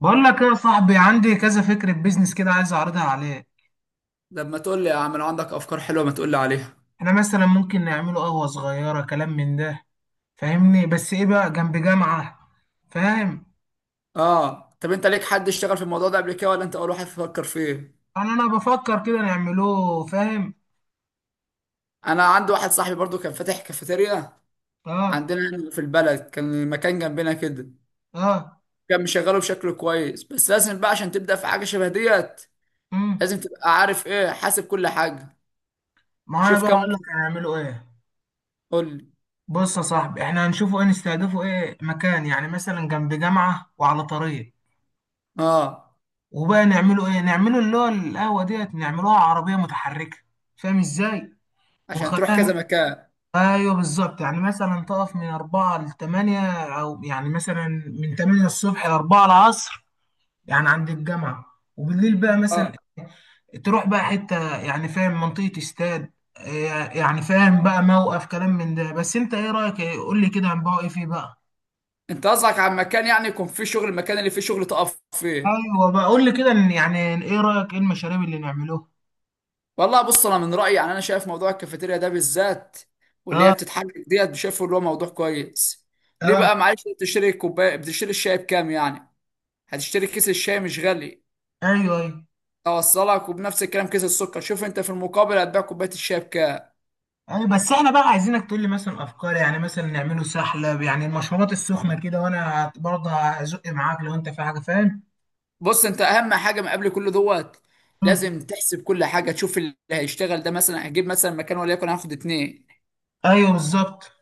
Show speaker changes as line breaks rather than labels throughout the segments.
بقول لك ايه يا صاحبي؟ عندي كذا فكرة بيزنس كده، عايز اعرضها عليك.
لما تقول لي يا عم، لو عندك افكار حلوه ما تقول لي عليها.
احنا مثلا ممكن نعمله قهوة صغيرة، كلام من ده، فاهمني؟ بس ايه بقى، جنب جامعة، فاهم.
اه، طب انت ليك حد اشتغل في الموضوع ده قبل كده ولا انت اول واحد تفكر فيه؟
انا بفكر كده نعمله، فاهم.
انا عندي واحد صاحبي برضو كان فاتح كافيتيريا
اه،
عندنا هنا في البلد، كان المكان جنبنا كده.
اه،
كان مشغله بشكل كويس، بس لازم بقى عشان تبدا في حاجه شبه ديت
امم
لازم تبقى عارف ايه، حاسب كل حاجه.
ما انا
شوف
بقى
كام
اقول
واحد،
لك هنعمله ايه.
قول لي.
بص يا صاحبي، احنا هنشوفه ايه؟ نستهدفه ايه؟ مكان يعني مثلا جنب جامعة وعلى طريق،
اه،
وبقى نعمله ايه؟ نعمله اللي هو القهوة ديت، نعملوها عربية متحركة، فاهم ازاي؟
عشان تروح
ونخليها.
كذا مكان.
ايوه بالظبط، يعني مثلا تقف من 4 ل 8، او يعني مثلا من 8 الصبح ل 4 العصر، يعني عند الجامعه. وبالليل بقى مثلا
اه،
تروح بقى حته، يعني فاهم، منطقه استاد، إيه يعني، فاهم بقى، موقف، كلام من ده. بس انت ايه رايك، إيه؟ قول لي كده، هنبقى ايه فيه بقى؟
انت قصدك على مكان يعني يكون فيه شغل، المكان اللي فيه شغل تقف فيه.
ايوه بقى، قول لي كده. يعني ايه رايك؟ ايه المشاريب اللي نعملوها؟
والله بص، انا من رايي يعني انا شايف موضوع الكافيتيريا ده بالذات واللي هي
اه،
بتتحرك ديت شايفه اللي هو موضوع كويس. ليه
اه،
بقى؟ معلش، أنت بتشتري كوبايه، بتشتري الشاي بكام يعني؟ هتشتري كيس الشاي مش غالي،
ايوه، ايوه.
اوصلك، وبنفس الكلام كيس السكر. شوف انت في المقابل هتبيع كوبايه الشاي بكام.
يعني بس احنا بقى عايزينك تقول لي مثلا افكار، يعني مثلا نعمله سحلة، يعني المشروبات السخنة كده، وانا برضه هزق معاك لو انت في حاجة، فاهم.
بص انت، اهم حاجه من قبل كل دوت
مم.
لازم تحسب كل حاجه، تشوف اللي هيشتغل ده. مثلا هجيب مثلا مكان وليكن هاخد اتنين،
ايوه بالظبط.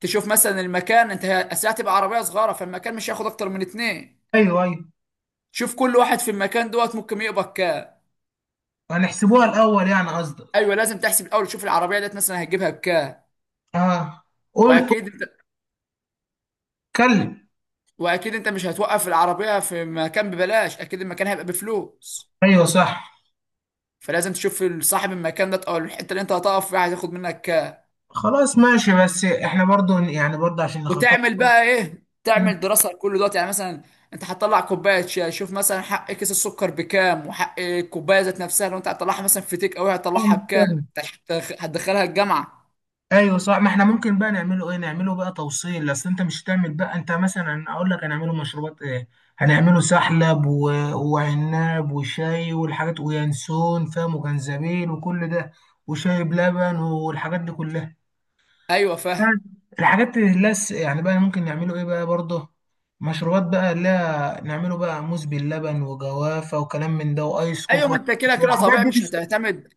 تشوف مثلا المكان. انت الساعه تبقى عربيه صغيره فالمكان مش هياخد اكتر من اتنين.
ايوه، ايوه،
شوف كل واحد في المكان دوت ممكن يقبض كام.
هنحسبوها الاول يعني قصدك؟
ايوه، لازم تحسب الاول، تشوف العربيه ديت مثلا هتجيبها بكام.
اه، قول، قول،
واكيد انت
اتكلم.
واكيد انت مش هتوقف العربيه في مكان ببلاش، اكيد المكان هيبقى بفلوس.
ايوه صح.
فلازم تشوف صاحب المكان ده او الحته اللي انت هتقف فيها هتاخد منك كام.
خلاص، ماشي، بس احنا برضه يعني برضه عشان نخطط.
وتعمل بقى ايه، تعمل دراسه لكل دوت. يعني مثلا انت هتطلع كوبايه شاي، شوف مثلا حق كيس السكر بكام وحق الكوبايه ذات نفسها، لو انت هتطلعها مثلا في تيك اوي هتطلعها بكام،
مم.
انت هتدخلها الجامعه.
ايوه صح. ما احنا ممكن بقى نعمله ايه، نعمله بقى توصيل، اصل انت مش هتعمل بقى، انت مثلا اقول لك هنعمله مشروبات ايه. هنعمله سحلب وعناب وشاي والحاجات، وينسون، فاهم، وجنزبيل وكل ده، وشاي بلبن والحاجات دي كلها،
ايوه فاهم.
الحاجات اللي لس يعني. بقى ممكن نعمله ايه بقى برضه؟ مشروبات بقى، لا نعمله بقى موز باللبن وجوافة وكلام من ده، وايس كوف
ايوه ما انت
والحاجات
كده كده طبيعي،
دي.
مش هتعتمد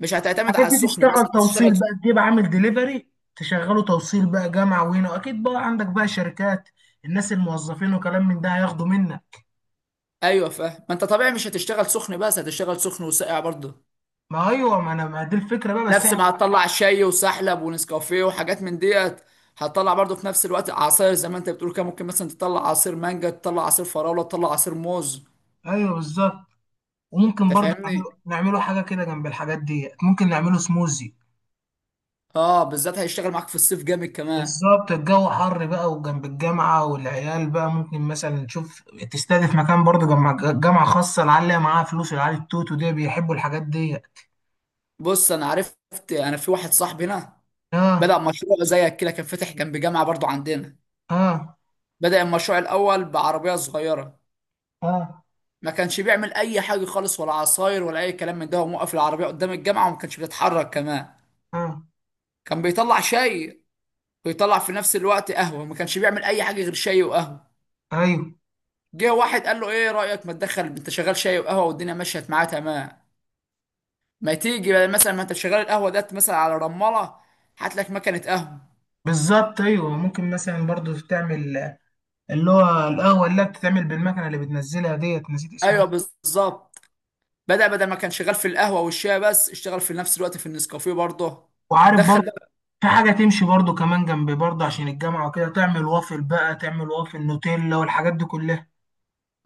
مش هتعتمد على
حاجات دي
السخن بس
تشتغل
تشتغل.
توصيل بقى، تجيب عامل ديليفري، تشغله توصيل بقى جامعة، وهنا اكيد بقى عندك بقى شركات، الناس الموظفين وكلام من ده هياخدوا منك.
ايوه فاهم، ما انت طبيعي مش هتشتغل سخن بس، هتشتغل سخن وساقع برضه.
ما ايوه، ما انا ما دي الفكرة بقى، بس
نفس
احنا.
ما هتطلع شاي وسحلب ونسكافيه وحاجات من ديت، هتطلع برضه في نفس الوقت عصاير زي ما انت بتقول كده. ممكن مثلا تطلع عصير مانجا، تطلع عصير فراوله، تطلع عصير موز.
ايوه بالظبط. وممكن
انت
برضه نعمله
فاهمني،
نعمله حاجة كده جنب الحاجات دي، ممكن نعمله سموزي،
اه بالذات هيشتغل معاك في الصيف جامد كمان.
بالظبط. الجو حر بقى وجنب الجامعة والعيال، بقى ممكن مثلا تشوف، تستهدف مكان برضه، جامعة، جامعة خاصة، العيال اللي معاها فلوس، العيال التوتو دي بيحبوا الحاجات دي.
بص انا عرفت، انا في واحد صاحبي هنا بدأ
اه،
مشروع زيك كده، كان فاتح جنب جامعه برضه عندنا.
اه،
بدأ المشروع الاول بعربيه صغيره،
اه،
ما كانش بيعمل اي حاجه خالص، ولا عصاير ولا اي كلام من ده، وموقف العربيه قدام الجامعه وما كانش بيتحرك كمان.
اه،
كان بيطلع شاي ويطلع في نفس الوقت قهوه، ما كانش بيعمل اي حاجه غير شاي وقهوه.
ايوه
جه واحد قال له ايه رايك ما تدخل، انت شغال شاي وقهوه والدنيا مشيت معاه تمام، ما تيجي بقى مثلا، ما انت شغال القهوه ديت مثلا على رماله، هات لك مكنه قهوه.
بالظبط. ايوه، ممكن مثلا برضو تعمل اللي هو القهوه، اللي بتتعمل بالمكنه، اللي بتنزلها ديت، نسيت
ايوه
اسمها.
بالظبط. بدأ، بدل ما كان شغال في القهوه والشاي بس، اشتغل في نفس الوقت في النسكافيه برضه.
وعارف برضو
دخل.
في حاجه تمشي برضو كمان جنبي، برضو عشان الجامعه وكده، تعمل وافل بقى، تعمل وافل نوتيلا والحاجات دي كلها.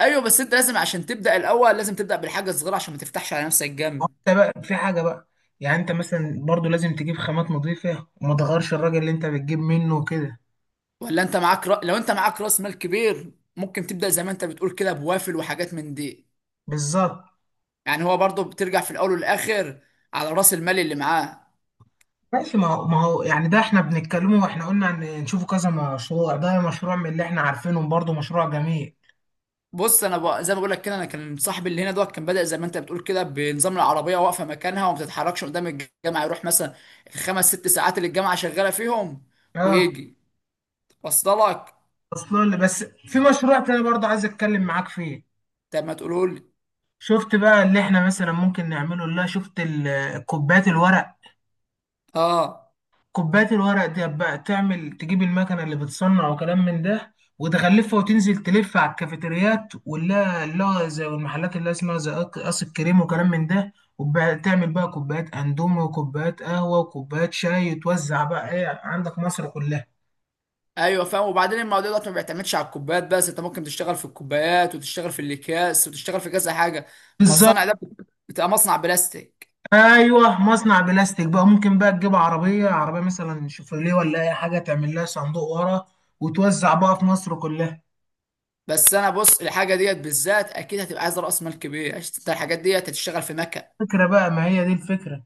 ايوه بس انت لازم عشان تبدا الاول لازم تبدا بالحاجه الصغيره، عشان ما تفتحش على نفسك جامد.
وانت بقى في حاجه بقى، يعني انت مثلا برضو لازم تجيب خامات نظيفه، وما تغيرش الراجل اللي انت بتجيب منه وكده،
ولا انت معاك رأ... لو انت معاك راس مال كبير ممكن تبدا زي ما انت بتقول كده بوافل وحاجات من دي.
بالظبط،
يعني هو برضه بترجع في الاول والاخر على راس المال اللي معاه.
ماشي. ما هو يعني ده احنا بنتكلمه، واحنا قلنا ان نشوفه كذا مشروع. ده مشروع من اللي احنا عارفينهم، برضو مشروع جميل.
زي ما بقول لك كده، انا كان صاحبي اللي هنا دوت كان بدا زي ما انت بتقول كده بنظام العربيه واقفه مكانها وما بتتحركش قدام الجامعه، يروح مثلا الخمس ست ساعات اللي الجامعه شغاله فيهم
اه،
ويجي وصل لك.
اصلا بس في مشروع تاني برضه عايز اتكلم معاك فيه.
طب ما تقولوا لي.
شفت بقى اللي احنا مثلا ممكن نعمله؟ لا، شفت كوبايات الورق؟
اه.
كوبايات الورق دي بقى، تعمل تجيب المكنه اللي بتصنع وكلام من ده، وتغلفها، وتنزل تلف على الكافيتريات، ولا لا، زي والمحلات اللي اسمها زي قص قص الكريم وكلام من ده، وتعمل بقى كوبايات اندومي وكوبايات قهوه وكوبايات شاي، وتوزع بقى ايه، عندك مصر كلها.
ايوه فاهم، وبعدين الموضوع ده ما بيعتمدش على الكوبايات بس، انت ممكن تشتغل في الكوبايات وتشتغل في الاكياس وتشتغل في كذا حاجه. ما
بالظبط،
الصنع ده بتبقى مصنع بلاستيك.
ايوه، مصنع بلاستيك بقى، ممكن بقى تجيب عربيه، عربيه مثلا شوفرليه ولا اي حاجه، تعمل لها صندوق ورا، وتوزع بقى في مصر كلها.
بس انا بص، الحاجه ديت بالذات اكيد هتبقى عايز راس مال كبير عشان انت الحاجات ديت هتشتغل في مكن.
فكره بقى، ما هي دي الفكره.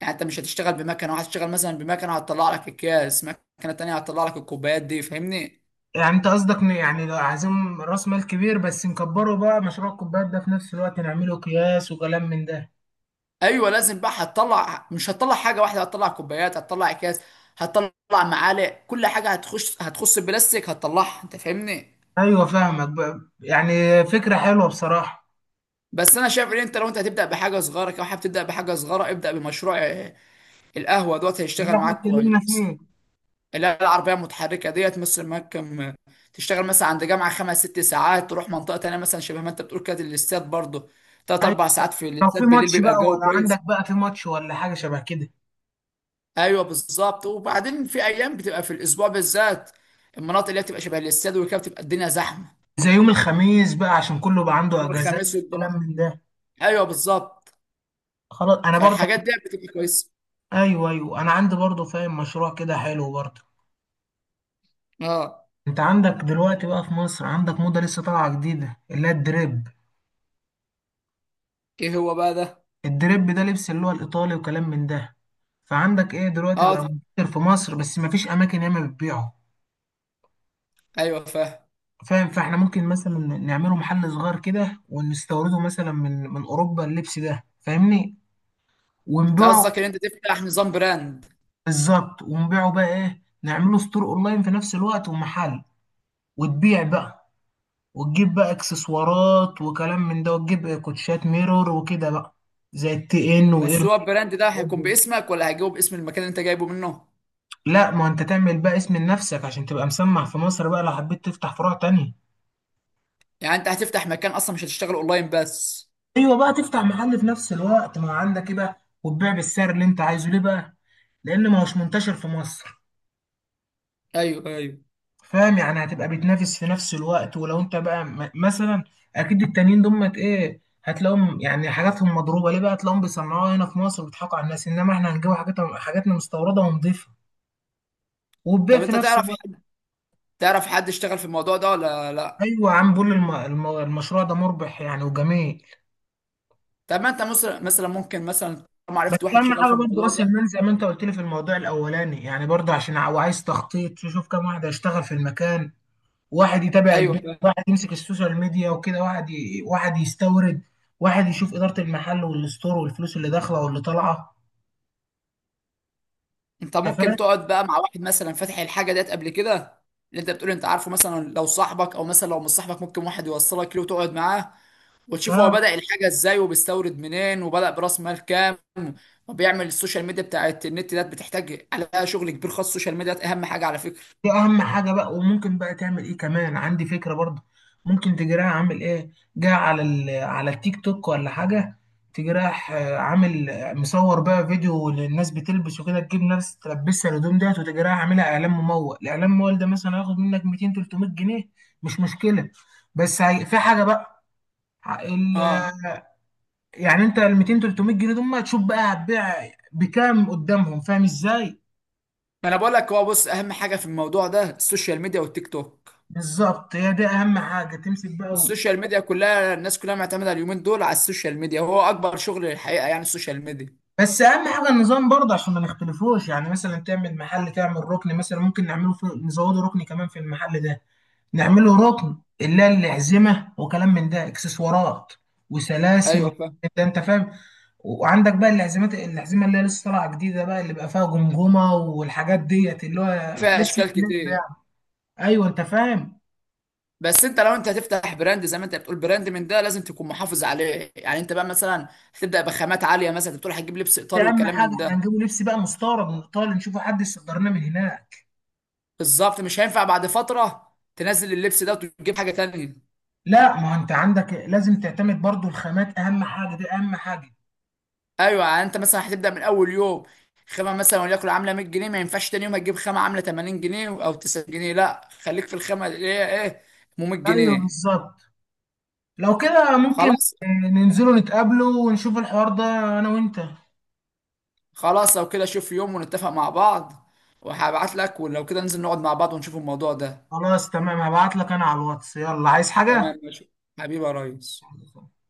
يعني انت مش هتشتغل بمكنه، وهتشتغل مثلا بمكنه هتطلع لك اكياس، مكنه تانيه هتطلع لك الكوبايات دي، فاهمني.
يعني انت قصدك إن، يعني لو عايزين راس مال كبير، بس نكبره بقى، مشروع الكوبايات ده في نفس الوقت نعمله اكياس وكلام من ده.
ايوه لازم بقى، هتطلع مش هتطلع حاجه واحده، هتطلع كوبايات، هتطلع اكياس، هتطلع معالق، كل حاجه هتخش هتخص البلاستيك هتطلعها، انت فاهمني.
ايوه فاهمك بقى، يعني فكره حلوه بصراحه،
بس انا شايف ان انت لو انت هتبدا بحاجه صغيره كده، حابب تبدا بحاجه صغيره، ابدا بمشروع آه، القهوه دوت
اللي
هيشتغل
احنا
معاك
اتكلمنا
كويس.
فيه.
لا، العربيه المتحركه ديت مثل ما كم، تشتغل مثلا عند جامعه خمس ست ساعات، تروح منطقه تانيه مثلا شبه ما انت بتقول كده الاستاد برضه، تلات
أيوة.
اربع ساعات في
لو في
الاستاد بالليل
ماتش
بيبقى
بقى،
الجو
ولا
كويس.
عندك بقى في ماتش ولا حاجه شبه كده،
ايوه بالظبط. وبعدين في ايام بتبقى في الاسبوع بالذات المناطق اللي هي بتبقى شبه الاستاد وكده بتبقى الدنيا زحمه،
زي يوم الخميس بقى، عشان كله بقى عنده
يوم
اجازات،
الخميس
كلام
والجمعه.
من ده.
ايوه بالظبط.
خلاص، انا برضه،
فالحاجات دي بتبقى كويسه.
ايوه، ايوه، انا عندي برضو فاهم مشروع كده حلو برضو.
اه.
انت عندك دلوقتي بقى في مصر، عندك موضة لسه طالعة جديدة، اللي هي الدريب.
ايه هو بقى ده؟
الدريب ده لبس اللي هو الايطالي وكلام من ده. فعندك ايه دلوقتي، بقى
اه
منتشر في مصر، بس مفيش اماكن ياما بتبيعه،
ايوه فاهم.
فاهم. فاحنا ممكن مثلا نعمله محل صغير كده، ونستورده مثلا من اوروبا، اللبس ده، فاهمني،
انت
ونبيعه.
قصدك ان انت تفتح نظام براند؟
بالظبط. ونبيعه بقى ايه، نعمله ستور اونلاين في نفس الوقت ومحل، وتبيع بقى، وتجيب بقى اكسسوارات وكلام من ده، وتجيب كوتشات ميرور وكده بقى، زي التي ان
بس
واير.
هو البراند ده هيكون باسمك ولا هيجيبه باسم المكان اللي انت جايبه منه؟
لا، ما انت تعمل بقى اسم لنفسك عشان تبقى مسمع في مصر بقى، لو حبيت تفتح فروع تانية.
يعني انت هتفتح مكان اصلا، مش هتشتغل اونلاين بس؟
ايوه بقى، تفتح محل في نفس الوقت، ما عندك ايه بقى، وتبيع بالسعر اللي انت عايزه. ليه بقى؟ لان ما هوش منتشر في مصر،
ايوه ايوه.
فاهم، يعني هتبقى بتنافس في نفس الوقت. ولو انت بقى مثلا، اكيد التانيين دول ايه، هتلاقيهم يعني حاجاتهم مضروبه، ليه بقى؟ هتلاقيهم بيصنعوها هنا في مصر، وبيضحكوا على الناس، انما احنا هنجيب حاجاتنا مستورده، ونضيفه وتبيع
طب
في
انت
نفس
تعرف
الوقت.
حد، تعرف حد اشتغل في الموضوع ده ولا لا؟
ايوه يا عم، بقول المشروع ده مربح يعني وجميل.
طب ما انت مثلا، ممكن مثلا طالما
بس
عرفت واحد
اهم
شغال في
حاجه برضه
الموضوع
راس
ده.
المال، زي ما انت قلت لي في الموضوع الاولاني، يعني برضه عشان وعايز تخطيط، تشوف كام واحد هيشتغل في المكان، واحد يتابع
ايوه
البيع،
فاهم.
واحد يمسك السوشيال ميديا وكده، واحد واحد يستورد، واحد يشوف إدارة المحل والستور والفلوس اللي داخلة واللي طالعة،
انت
انت فاهم.
ممكن تقعد بقى مع واحد مثلا فاتح الحاجه ديت قبل كده، اللي انت بتقول انت عارفه، مثلا لو صاحبك او مثلا لو مش صاحبك ممكن واحد يوصلك له وتقعد معاه وتشوف هو
اه،
بدأ الحاجه ازاي، وبيستورد منين، وبدأ براس مال كام، وبيعمل السوشيال ميديا بتاعت النت ديت بتحتاج عليها شغل كبير، خاص السوشيال ميديا ديت اهم حاجه على فكره.
دي اهم حاجه بقى. وممكن بقى تعمل ايه كمان، عندي فكره برضه. ممكن تجراها عامل ايه، جاي على على التيك توك ولا حاجه، تجراح عامل مصور بقى فيديو للناس بتلبس وكده، تجيب ناس تلبسها الهدوم ديت، وتجراها عاملها اعلان ممول. الاعلان الممول ده مثلا هياخد منك 200 300 جنيه، مش مشكله. بس في حاجه بقى. ال...
اه،
يعني انت ال 200 300 جنيه دول، ما تشوف بقى هتبيع بكام قدامهم، فاهم ازاي؟
ما انا بقول لك هو، بص اهم حاجه في الموضوع ده السوشيال ميديا والتيك توك.
بالظبط، هي دي اهم حاجه، تمسك بقى
السوشيال ميديا كلها، الناس كلها معتمده اليومين دول على السوشيال ميديا، وهو اكبر شغل الحقيقه يعني السوشيال ميديا.
بس اهم حاجه النظام برضه، عشان ما نختلفوش. يعني مثلا تعمل محل، تعمل ركن، مثلا ممكن نعمله في نزوده ركن كمان في المحل ده، نعمله ركن اللي هي الأحزمة وكلام من ده، اكسسوارات وسلاسل وكلام
ايوه فاهم،
من ده، انت فاهم. وعندك بقى الأحزمة اللي هي لسه طالعة جديدة بقى، اللي بقى فيها جمجمة والحاجات ديت، اللي هو
فيها
لبس
اشكال
البلاد.
كتير.
ايوه انت فاهم.
بس انت لو انت هتفتح براند زي ما انت بتقول براند من ده لازم تكون محافظ عليه. يعني انت بقى مثلا هتبدا بخامات عاليه، مثلا انت بتقول هتجيب لبس
ده
ايطالي
اهم
وكلام
حاجه،
من ده.
احنا هنجيبه لبس بقى مستورد من ايطاليا، نشوفه حد يصدر لنا من هناك.
بالظبط. مش هينفع بعد فتره تنزل اللبس ده وتجيب حاجه تانية.
لا، ما انت عندك لازم تعتمد برضو الخامات، اهم حاجه دي، اهم حاجه.
ايوه يعني انت مثلا هتبدا من اول يوم خامه مثلا وليكن عامله 100 جنيه، ما ينفعش تاني يوم هتجيب خامه عامله 80 جنيه او 90 جنيه، لا خليك في الخامه اللي هي ايه، ب 100
ايوه
جنيه
بالظبط، لو كده ممكن.
خلاص.
آه، ننزلوا نتقابلوا ونشوف الحوار ده، انا وانت.
خلاص لو كده شوف يوم ونتفق مع بعض، وهبعت لك، ولو كده ننزل نقعد مع بعض ونشوف الموضوع ده.
خلاص، تمام، هبعت لك انا على الواتس، يلا عايز حاجه.
تمام ماشي. حبيبي يا ريس.